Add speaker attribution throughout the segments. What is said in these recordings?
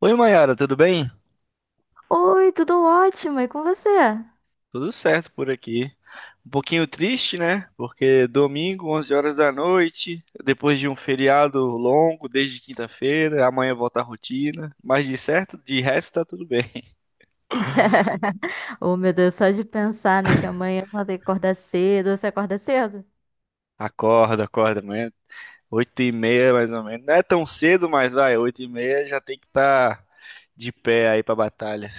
Speaker 1: Oi, Mayara, tudo bem?
Speaker 2: Oi, tudo ótimo, e com você?
Speaker 1: Tudo certo por aqui. Um pouquinho triste, né? Porque domingo, 11 horas da noite, depois de um feriado longo, desde quinta-feira, amanhã volta a rotina. Mas de certo, de resto, tá tudo bem.
Speaker 2: Oh, meu Deus, só de pensar, né, que amanhã eu vou ter que acordar cedo. Você acorda cedo?
Speaker 1: Acorda, amanhã, 8:30 mais ou menos. Não é tão cedo, mas vai, 8:30 já tem que estar de pé aí pra batalha.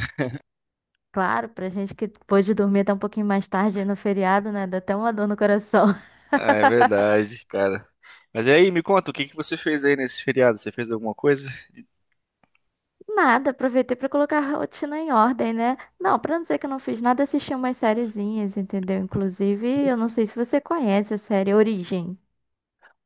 Speaker 2: Claro, pra gente que pôde dormir até um pouquinho mais tarde aí no feriado, né, dá até uma dor no coração.
Speaker 1: Ah, é verdade, cara. Mas e aí, me conta, o que que você fez aí nesse feriado? Você fez alguma coisa?
Speaker 2: Nada, aproveitei pra colocar a rotina em ordem, né? Não, pra não dizer que eu não fiz nada, assisti umas sériezinhas, entendeu? Inclusive, eu não sei se você conhece a série Origem.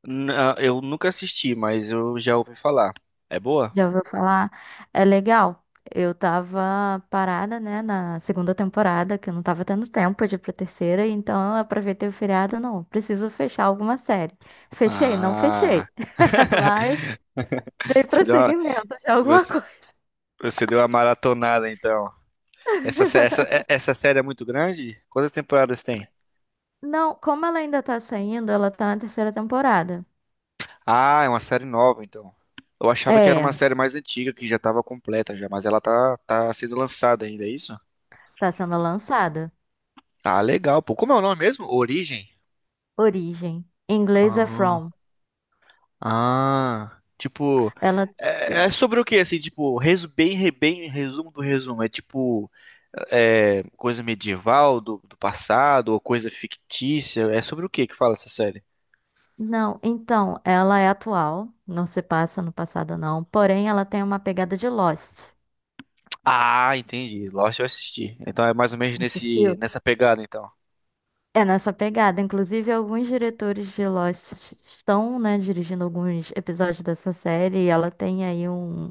Speaker 1: Não, eu nunca assisti, mas eu já ouvi falar. É boa?
Speaker 2: Já ouviu falar? É legal. Eu tava parada, né, na segunda temporada, que eu não tava tendo tempo de ir pra terceira, então eu aproveitei o feriado, não, preciso fechar alguma série. Fechei? Não fechei.
Speaker 1: Ah.
Speaker 2: Mas dei
Speaker 1: Você deu uma,
Speaker 2: prosseguimento de alguma
Speaker 1: você,
Speaker 2: coisa.
Speaker 1: você deu uma maratonada, então. Essa série é muito grande? Quantas temporadas tem?
Speaker 2: Não, como ela ainda tá saindo, ela tá na terceira temporada.
Speaker 1: Ah, é uma série nova, então. Eu achava que era uma
Speaker 2: É,
Speaker 1: série mais antiga, que já estava completa já, mas ela tá, tá sendo lançada ainda, é isso?
Speaker 2: tá sendo lançada.
Speaker 1: Ah, legal, pô. Como é o nome mesmo? Origem?
Speaker 2: Origem. Em inglês é
Speaker 1: Ah.
Speaker 2: From.
Speaker 1: Ah, tipo,
Speaker 2: Ela.
Speaker 1: é, é sobre o que assim, tipo, resumo do resumo, é tipo é, coisa medieval do passado ou coisa fictícia, é sobre o que que fala essa série?
Speaker 2: Não, então, ela é atual, não se passa no passado não, porém ela tem uma pegada de Lost.
Speaker 1: Ah, entendi. Lost eu assisti. Então é mais ou menos nesse
Speaker 2: Assistiu?
Speaker 1: nessa pegada então.
Speaker 2: É nessa pegada, inclusive alguns diretores de Lost estão, né, dirigindo alguns episódios dessa série e ela tem aí um,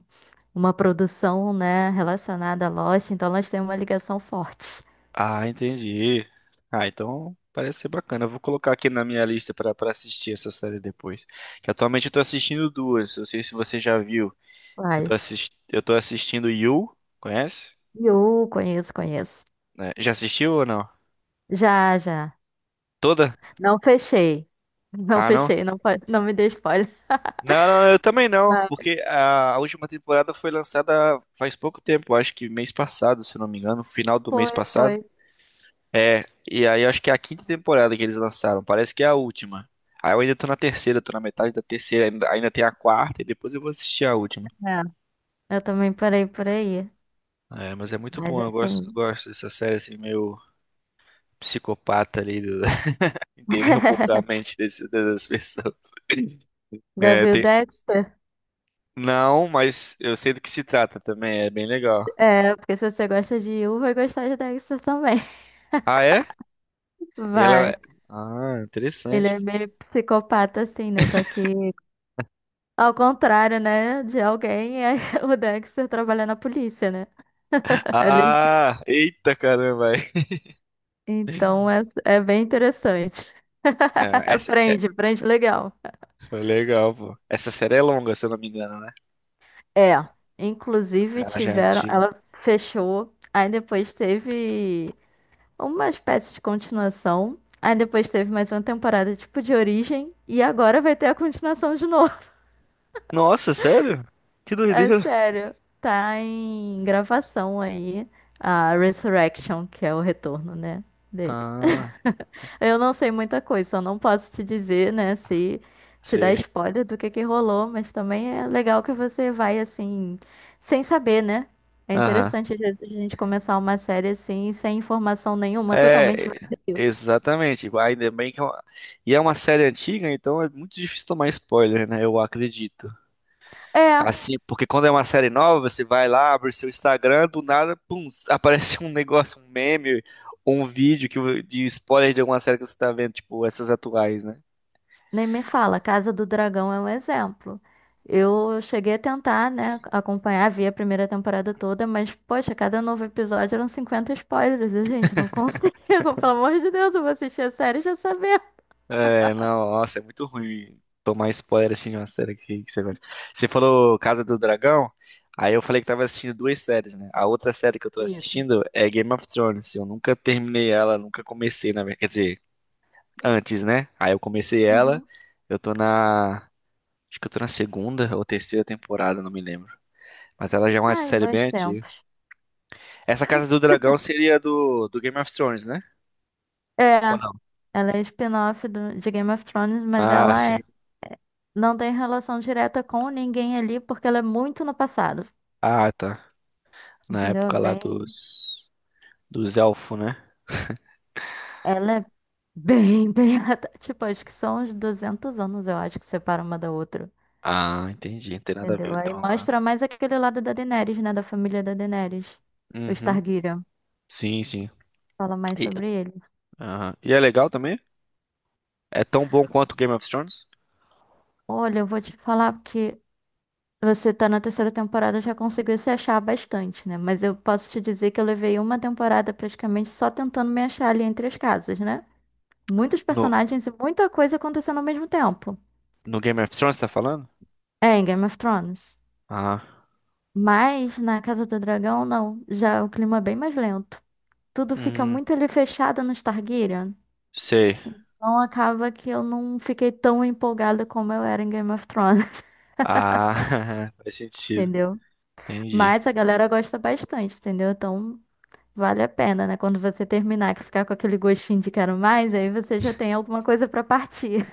Speaker 2: uma produção, né, relacionada a Lost, então elas têm uma ligação forte.
Speaker 1: Ah, entendi. Ah, então parece ser bacana. Eu vou colocar aqui na minha lista pra para assistir essa série depois. Que atualmente eu tô assistindo duas. Eu sei se você já viu.
Speaker 2: Mas
Speaker 1: Eu tô assistindo You, conhece?
Speaker 2: eu conheço, conheço.
Speaker 1: Né? Já assistiu ou não?
Speaker 2: Já, já.
Speaker 1: Toda?
Speaker 2: Não fechei. Não
Speaker 1: Ah, não?
Speaker 2: fechei, não, pode- não me dê spoiler.
Speaker 1: Não, não, eu também não,
Speaker 2: Mas
Speaker 1: porque a última temporada foi lançada faz pouco tempo, acho que mês passado, se eu não me engano, final do mês
Speaker 2: foi,
Speaker 1: passado.
Speaker 2: foi.
Speaker 1: É, e aí eu acho que é a quinta temporada que eles lançaram, parece que é a última. Aí eu ainda tô na terceira, tô na metade da terceira, ainda, ainda tem a quarta e depois eu vou assistir a última.
Speaker 2: Eu também parei por aí.
Speaker 1: É, mas é muito
Speaker 2: Mas
Speaker 1: bom, eu gosto,
Speaker 2: assim.
Speaker 1: gosto dessa série assim, meio psicopata ali, entender um pouco a mente dessas pessoas.
Speaker 2: Já
Speaker 1: É,
Speaker 2: viu
Speaker 1: tem.
Speaker 2: Dexter?
Speaker 1: Não, mas eu sei do que se trata também, é bem legal.
Speaker 2: É, porque se você gosta de Yu, vai gostar de Dexter também.
Speaker 1: Ah, é? E ela.
Speaker 2: Vai.
Speaker 1: Ah,
Speaker 2: Ele
Speaker 1: interessante.
Speaker 2: é meio psicopata, assim, né? Só que ao contrário, né? De alguém, é o Dexter trabalha na polícia, né? Ele-
Speaker 1: Ah, eita caramba. Aí.
Speaker 2: Então é, é bem interessante.
Speaker 1: É, essa é
Speaker 2: Prende, prende legal.
Speaker 1: foi legal, pô. Essa série é longa, se eu não me engano, né?
Speaker 2: É. Inclusive
Speaker 1: Ela já é
Speaker 2: tiveram.
Speaker 1: antiga.
Speaker 2: Ela fechou. Aí depois teve. Uma espécie de continuação. Aí depois teve mais uma temporada tipo de origem. E agora vai ter a continuação de novo.
Speaker 1: Nossa, sério? Que
Speaker 2: É
Speaker 1: doideira.
Speaker 2: sério. Tá em gravação aí a Resurrection, que é o retorno, né? Dele.
Speaker 1: Ah,
Speaker 2: Eu não sei muita coisa, só não posso te dizer, né? Se te dar
Speaker 1: sei.
Speaker 2: spoiler do que rolou, mas também é legal que você vai assim, sem saber, né? É
Speaker 1: Aham.
Speaker 2: interessante às vezes a gente começar uma série assim, sem informação nenhuma, totalmente
Speaker 1: É,
Speaker 2: vazio.
Speaker 1: exatamente. Ainda bem que é uma... E é uma série antiga, então é muito difícil tomar spoiler, né? Eu acredito.
Speaker 2: É,
Speaker 1: Assim, porque quando é uma série nova, você vai lá, abre o seu Instagram, do nada, pum, aparece um negócio, um meme, um vídeo que, de spoiler de alguma série que você tá vendo, tipo, essas atuais, né?
Speaker 2: nem me fala, Casa do Dragão é um exemplo. Eu cheguei a tentar, né, acompanhar, vi a primeira temporada toda, mas, poxa, cada novo episódio eram 50 spoilers, e, gente, não consigo, pelo amor de Deus, eu vou assistir a série e já saber.
Speaker 1: É, não, nossa, é muito ruim tomar spoiler assim de uma série que você vê. Você falou Casa do Dragão, aí eu falei que tava assistindo duas séries, né? A outra série que eu tô
Speaker 2: Isso.
Speaker 1: assistindo é Game of Thrones. Eu nunca terminei ela, nunca comecei, na verdade. Quer dizer, antes, né? Aí eu comecei ela,
Speaker 2: Uhum.
Speaker 1: eu tô na. Acho que eu tô na segunda ou terceira temporada, não me lembro. Mas ela já é uma
Speaker 2: Ai,
Speaker 1: série bem
Speaker 2: bons
Speaker 1: antiga.
Speaker 2: tempos.
Speaker 1: Essa Casa do Dragão seria do Game of Thrones, né?
Speaker 2: É,
Speaker 1: Ou não?
Speaker 2: ela é spin-off do- de Game of Thrones, mas
Speaker 1: Ah,
Speaker 2: ela é-
Speaker 1: sim.
Speaker 2: não tem relação direta com ninguém ali, porque ela é muito no passado,
Speaker 1: Ah, tá. Na
Speaker 2: entendeu? É
Speaker 1: época lá
Speaker 2: bem,
Speaker 1: dos elfos, né?
Speaker 2: ela é bem, tipo, acho que são uns 200 anos, eu acho, que separa uma da outra.
Speaker 1: Ah, entendi. Não tem nada a
Speaker 2: Entendeu?
Speaker 1: ver
Speaker 2: Aí
Speaker 1: então agora.
Speaker 2: mostra mais aquele lado da Daenerys, né? Da família da Daenerys. Os
Speaker 1: Uhum.
Speaker 2: Targaryen.
Speaker 1: Sim, sim.
Speaker 2: Fala mais
Speaker 1: E,
Speaker 2: sobre ele.
Speaker 1: aham. E é legal também? É tão bom quanto o Game of Thrones?
Speaker 2: Olha, eu vou te falar que você tá na terceira temporada, já conseguiu se achar bastante, né? Mas eu posso te dizer que eu levei uma temporada praticamente só tentando me achar ali entre as casas, né? Muitos
Speaker 1: No,
Speaker 2: personagens e muita coisa acontecendo ao mesmo tempo.
Speaker 1: no Game of Thrones, tá falando?
Speaker 2: É, em Game of Thrones.
Speaker 1: Ah.
Speaker 2: Mas na Casa do Dragão, não. Já é o clima é bem mais lento. Tudo fica
Speaker 1: Hum,
Speaker 2: muito ali fechado no Targaryen.
Speaker 1: sei.
Speaker 2: Então acaba que eu não fiquei tão empolgada como eu era em Game of Thrones,
Speaker 1: Ah, faz sentido.
Speaker 2: entendeu?
Speaker 1: Entendi.
Speaker 2: Mas a galera gosta bastante, entendeu? Então vale a pena, né? Quando você terminar, que ficar com aquele gostinho de quero mais, aí você já tem alguma coisa pra partir.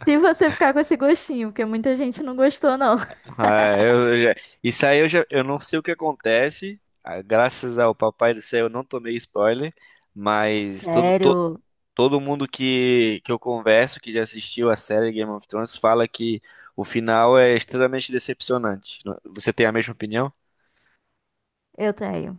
Speaker 2: Se você ficar com esse gostinho, porque muita gente não gostou, não.
Speaker 1: Ah, eu eu já- isso aí eu já, eu não sei o que acontece. Ah, graças ao Papai do Céu, eu não tomei spoiler, mas
Speaker 2: Sério,
Speaker 1: todo mundo que eu converso, que já assistiu a série Game of Thrones, fala que o final é extremamente decepcionante. Você tem a mesma opinião?
Speaker 2: eu tenho.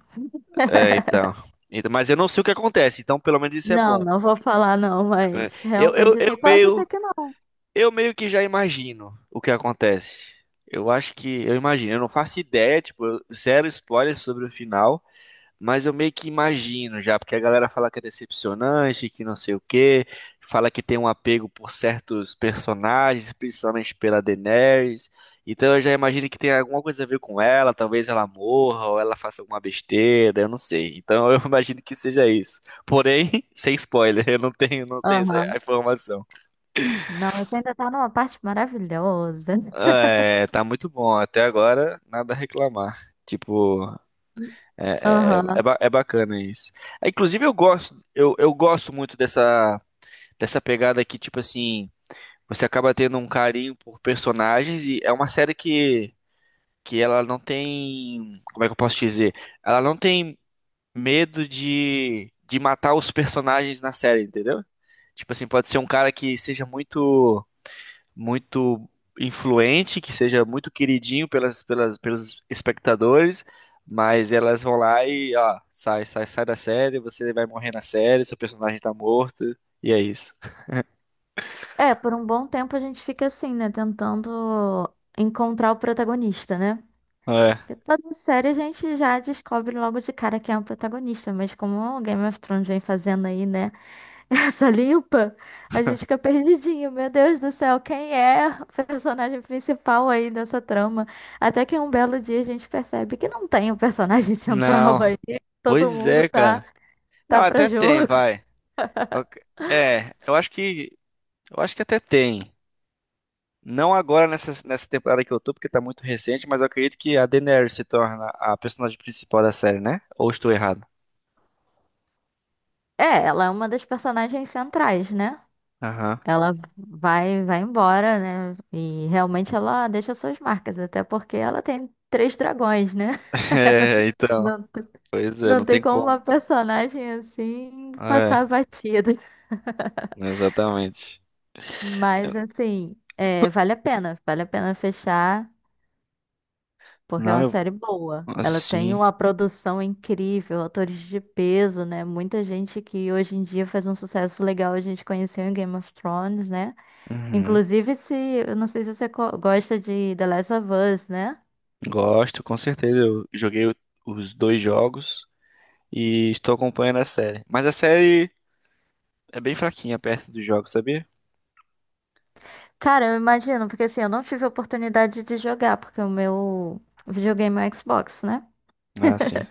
Speaker 1: É, então. Então, mas eu não sei o que acontece, então pelo menos isso é
Speaker 2: Não,
Speaker 1: bom.
Speaker 2: não vou falar não,
Speaker 1: É,
Speaker 2: mas
Speaker 1: Eu, eu,
Speaker 2: realmente
Speaker 1: eu
Speaker 2: assim, pode
Speaker 1: meio,
Speaker 2: ser que não.
Speaker 1: eu meio que já imagino o que acontece. Eu acho que eu imagino, eu não faço ideia, tipo, eu- zero spoiler sobre o final. Mas eu meio que imagino já, porque a galera fala que é decepcionante, que não sei o quê, fala que tem um apego por certos personagens, principalmente pela Daenerys. Então eu já imagino que tem alguma coisa a ver com ela, talvez ela morra ou ela faça alguma besteira, eu não sei. Então eu imagino que seja isso. Porém, sem spoiler, eu não tenho, não tenho
Speaker 2: Aham.
Speaker 1: essa informação.
Speaker 2: Não, você ainda tá numa parte maravilhosa.
Speaker 1: É, tá muito bom até agora, nada a reclamar. Tipo,
Speaker 2: Aham.
Speaker 1: é bacana isso. É, inclusive, eu gosto, eu gosto muito dessa, dessa pegada que, tipo assim, você acaba tendo um carinho por personagens e é uma série que ela não tem, como é que eu posso dizer? Ela não tem medo de matar os personagens na série, entendeu? Tipo assim, pode ser um cara que seja muito muito influente, que seja muito queridinho pelos espectadores, mas elas vão lá e, ó, sai da série, você vai morrer na série, seu personagem tá morto, e é isso.
Speaker 2: É, por um bom tempo a gente fica assim, né? Tentando encontrar o protagonista, né?
Speaker 1: É.
Speaker 2: Porque toda série a gente já descobre logo de cara quem é o protagonista, mas como o Game of Thrones vem fazendo aí, né? Essa limpa, a gente fica perdidinho. Meu Deus do céu, quem é o personagem principal aí dessa trama? Até que um belo dia a gente percebe que não tem o personagem central aí.
Speaker 1: Não.
Speaker 2: Todo
Speaker 1: Pois
Speaker 2: mundo
Speaker 1: é,
Speaker 2: tá,
Speaker 1: cara. Não,
Speaker 2: tá para
Speaker 1: até tem,
Speaker 2: jogo.
Speaker 1: vai. Ok. É, eu acho que até tem. Não agora nessa, nessa temporada que eu tô, porque tá muito recente, mas eu acredito que a Daenerys se torna a personagem principal da série, né? Ou estou errado?
Speaker 2: É, ela é uma das personagens centrais, né?
Speaker 1: Aham.
Speaker 2: Ela vai, vai embora, né? E realmente ela deixa suas marcas, até porque ela tem três dragões, né?
Speaker 1: É, então.
Speaker 2: Não, t-
Speaker 1: Pois é,
Speaker 2: não
Speaker 1: não
Speaker 2: tem
Speaker 1: tem
Speaker 2: como uma
Speaker 1: como.
Speaker 2: personagem assim passar
Speaker 1: É,
Speaker 2: batida.
Speaker 1: exatamente. Eu-
Speaker 2: Mas assim, é, vale a pena fechar, porque é
Speaker 1: não,
Speaker 2: uma
Speaker 1: eu,
Speaker 2: série boa. Ela tem
Speaker 1: assim,
Speaker 2: uma produção incrível, atores de peso, né? Muita gente que hoje em dia faz um sucesso legal, a gente conheceu em Game of Thrones, né?
Speaker 1: uhum,
Speaker 2: Inclusive, se, eu não sei se você co- gosta de The Last of Us, né?
Speaker 1: gosto, com certeza. Os dois jogos e estou acompanhando a série. Mas a série é bem fraquinha perto dos jogos, sabia?
Speaker 2: Cara, eu imagino, porque assim, eu não tive a oportunidade de jogar, porque o meu videogame é o Xbox, né?
Speaker 1: Ah, sim.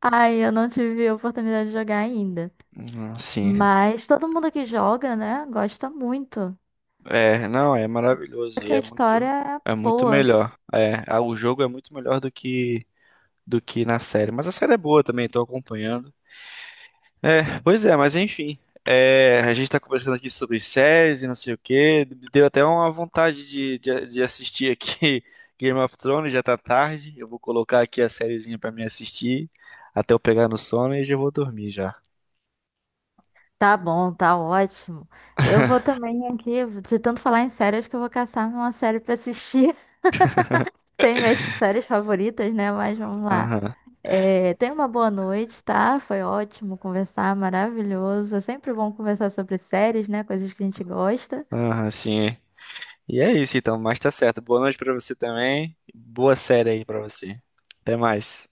Speaker 2: Aí eu não tive a oportunidade de jogar ainda.
Speaker 1: Sim.
Speaker 2: Mas todo mundo que joga, né, gosta muito.
Speaker 1: É, não, é maravilhoso e
Speaker 2: Porque a história é
Speaker 1: é muito
Speaker 2: boa.
Speaker 1: melhor. É, ah, o jogo é muito melhor do que na série. Mas a série é boa também, estou acompanhando. É, pois é, mas enfim. É, a gente tá conversando aqui sobre séries e não sei o quê. Deu até uma vontade de assistir aqui Game of Thrones, já tá tarde. Eu vou colocar aqui a sériezinha pra me assistir até eu pegar no sono e já vou dormir já.
Speaker 2: Tá bom, tá ótimo. Eu vou também aqui, de tanto falar em séries, que eu vou caçar uma série pra assistir. Tem minhas séries favoritas, né? Mas vamos lá.
Speaker 1: Aham,
Speaker 2: É, tenha uma boa noite, tá? Foi ótimo conversar, maravilhoso. É sempre bom conversar sobre séries, né? Coisas que a gente gosta.
Speaker 1: aham, sim. E é isso então, mas tá certo. Boa noite pra você também. Boa série aí pra você. Até mais.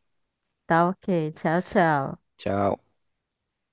Speaker 2: Tá ok. Tchau, tchau.
Speaker 1: Tchau.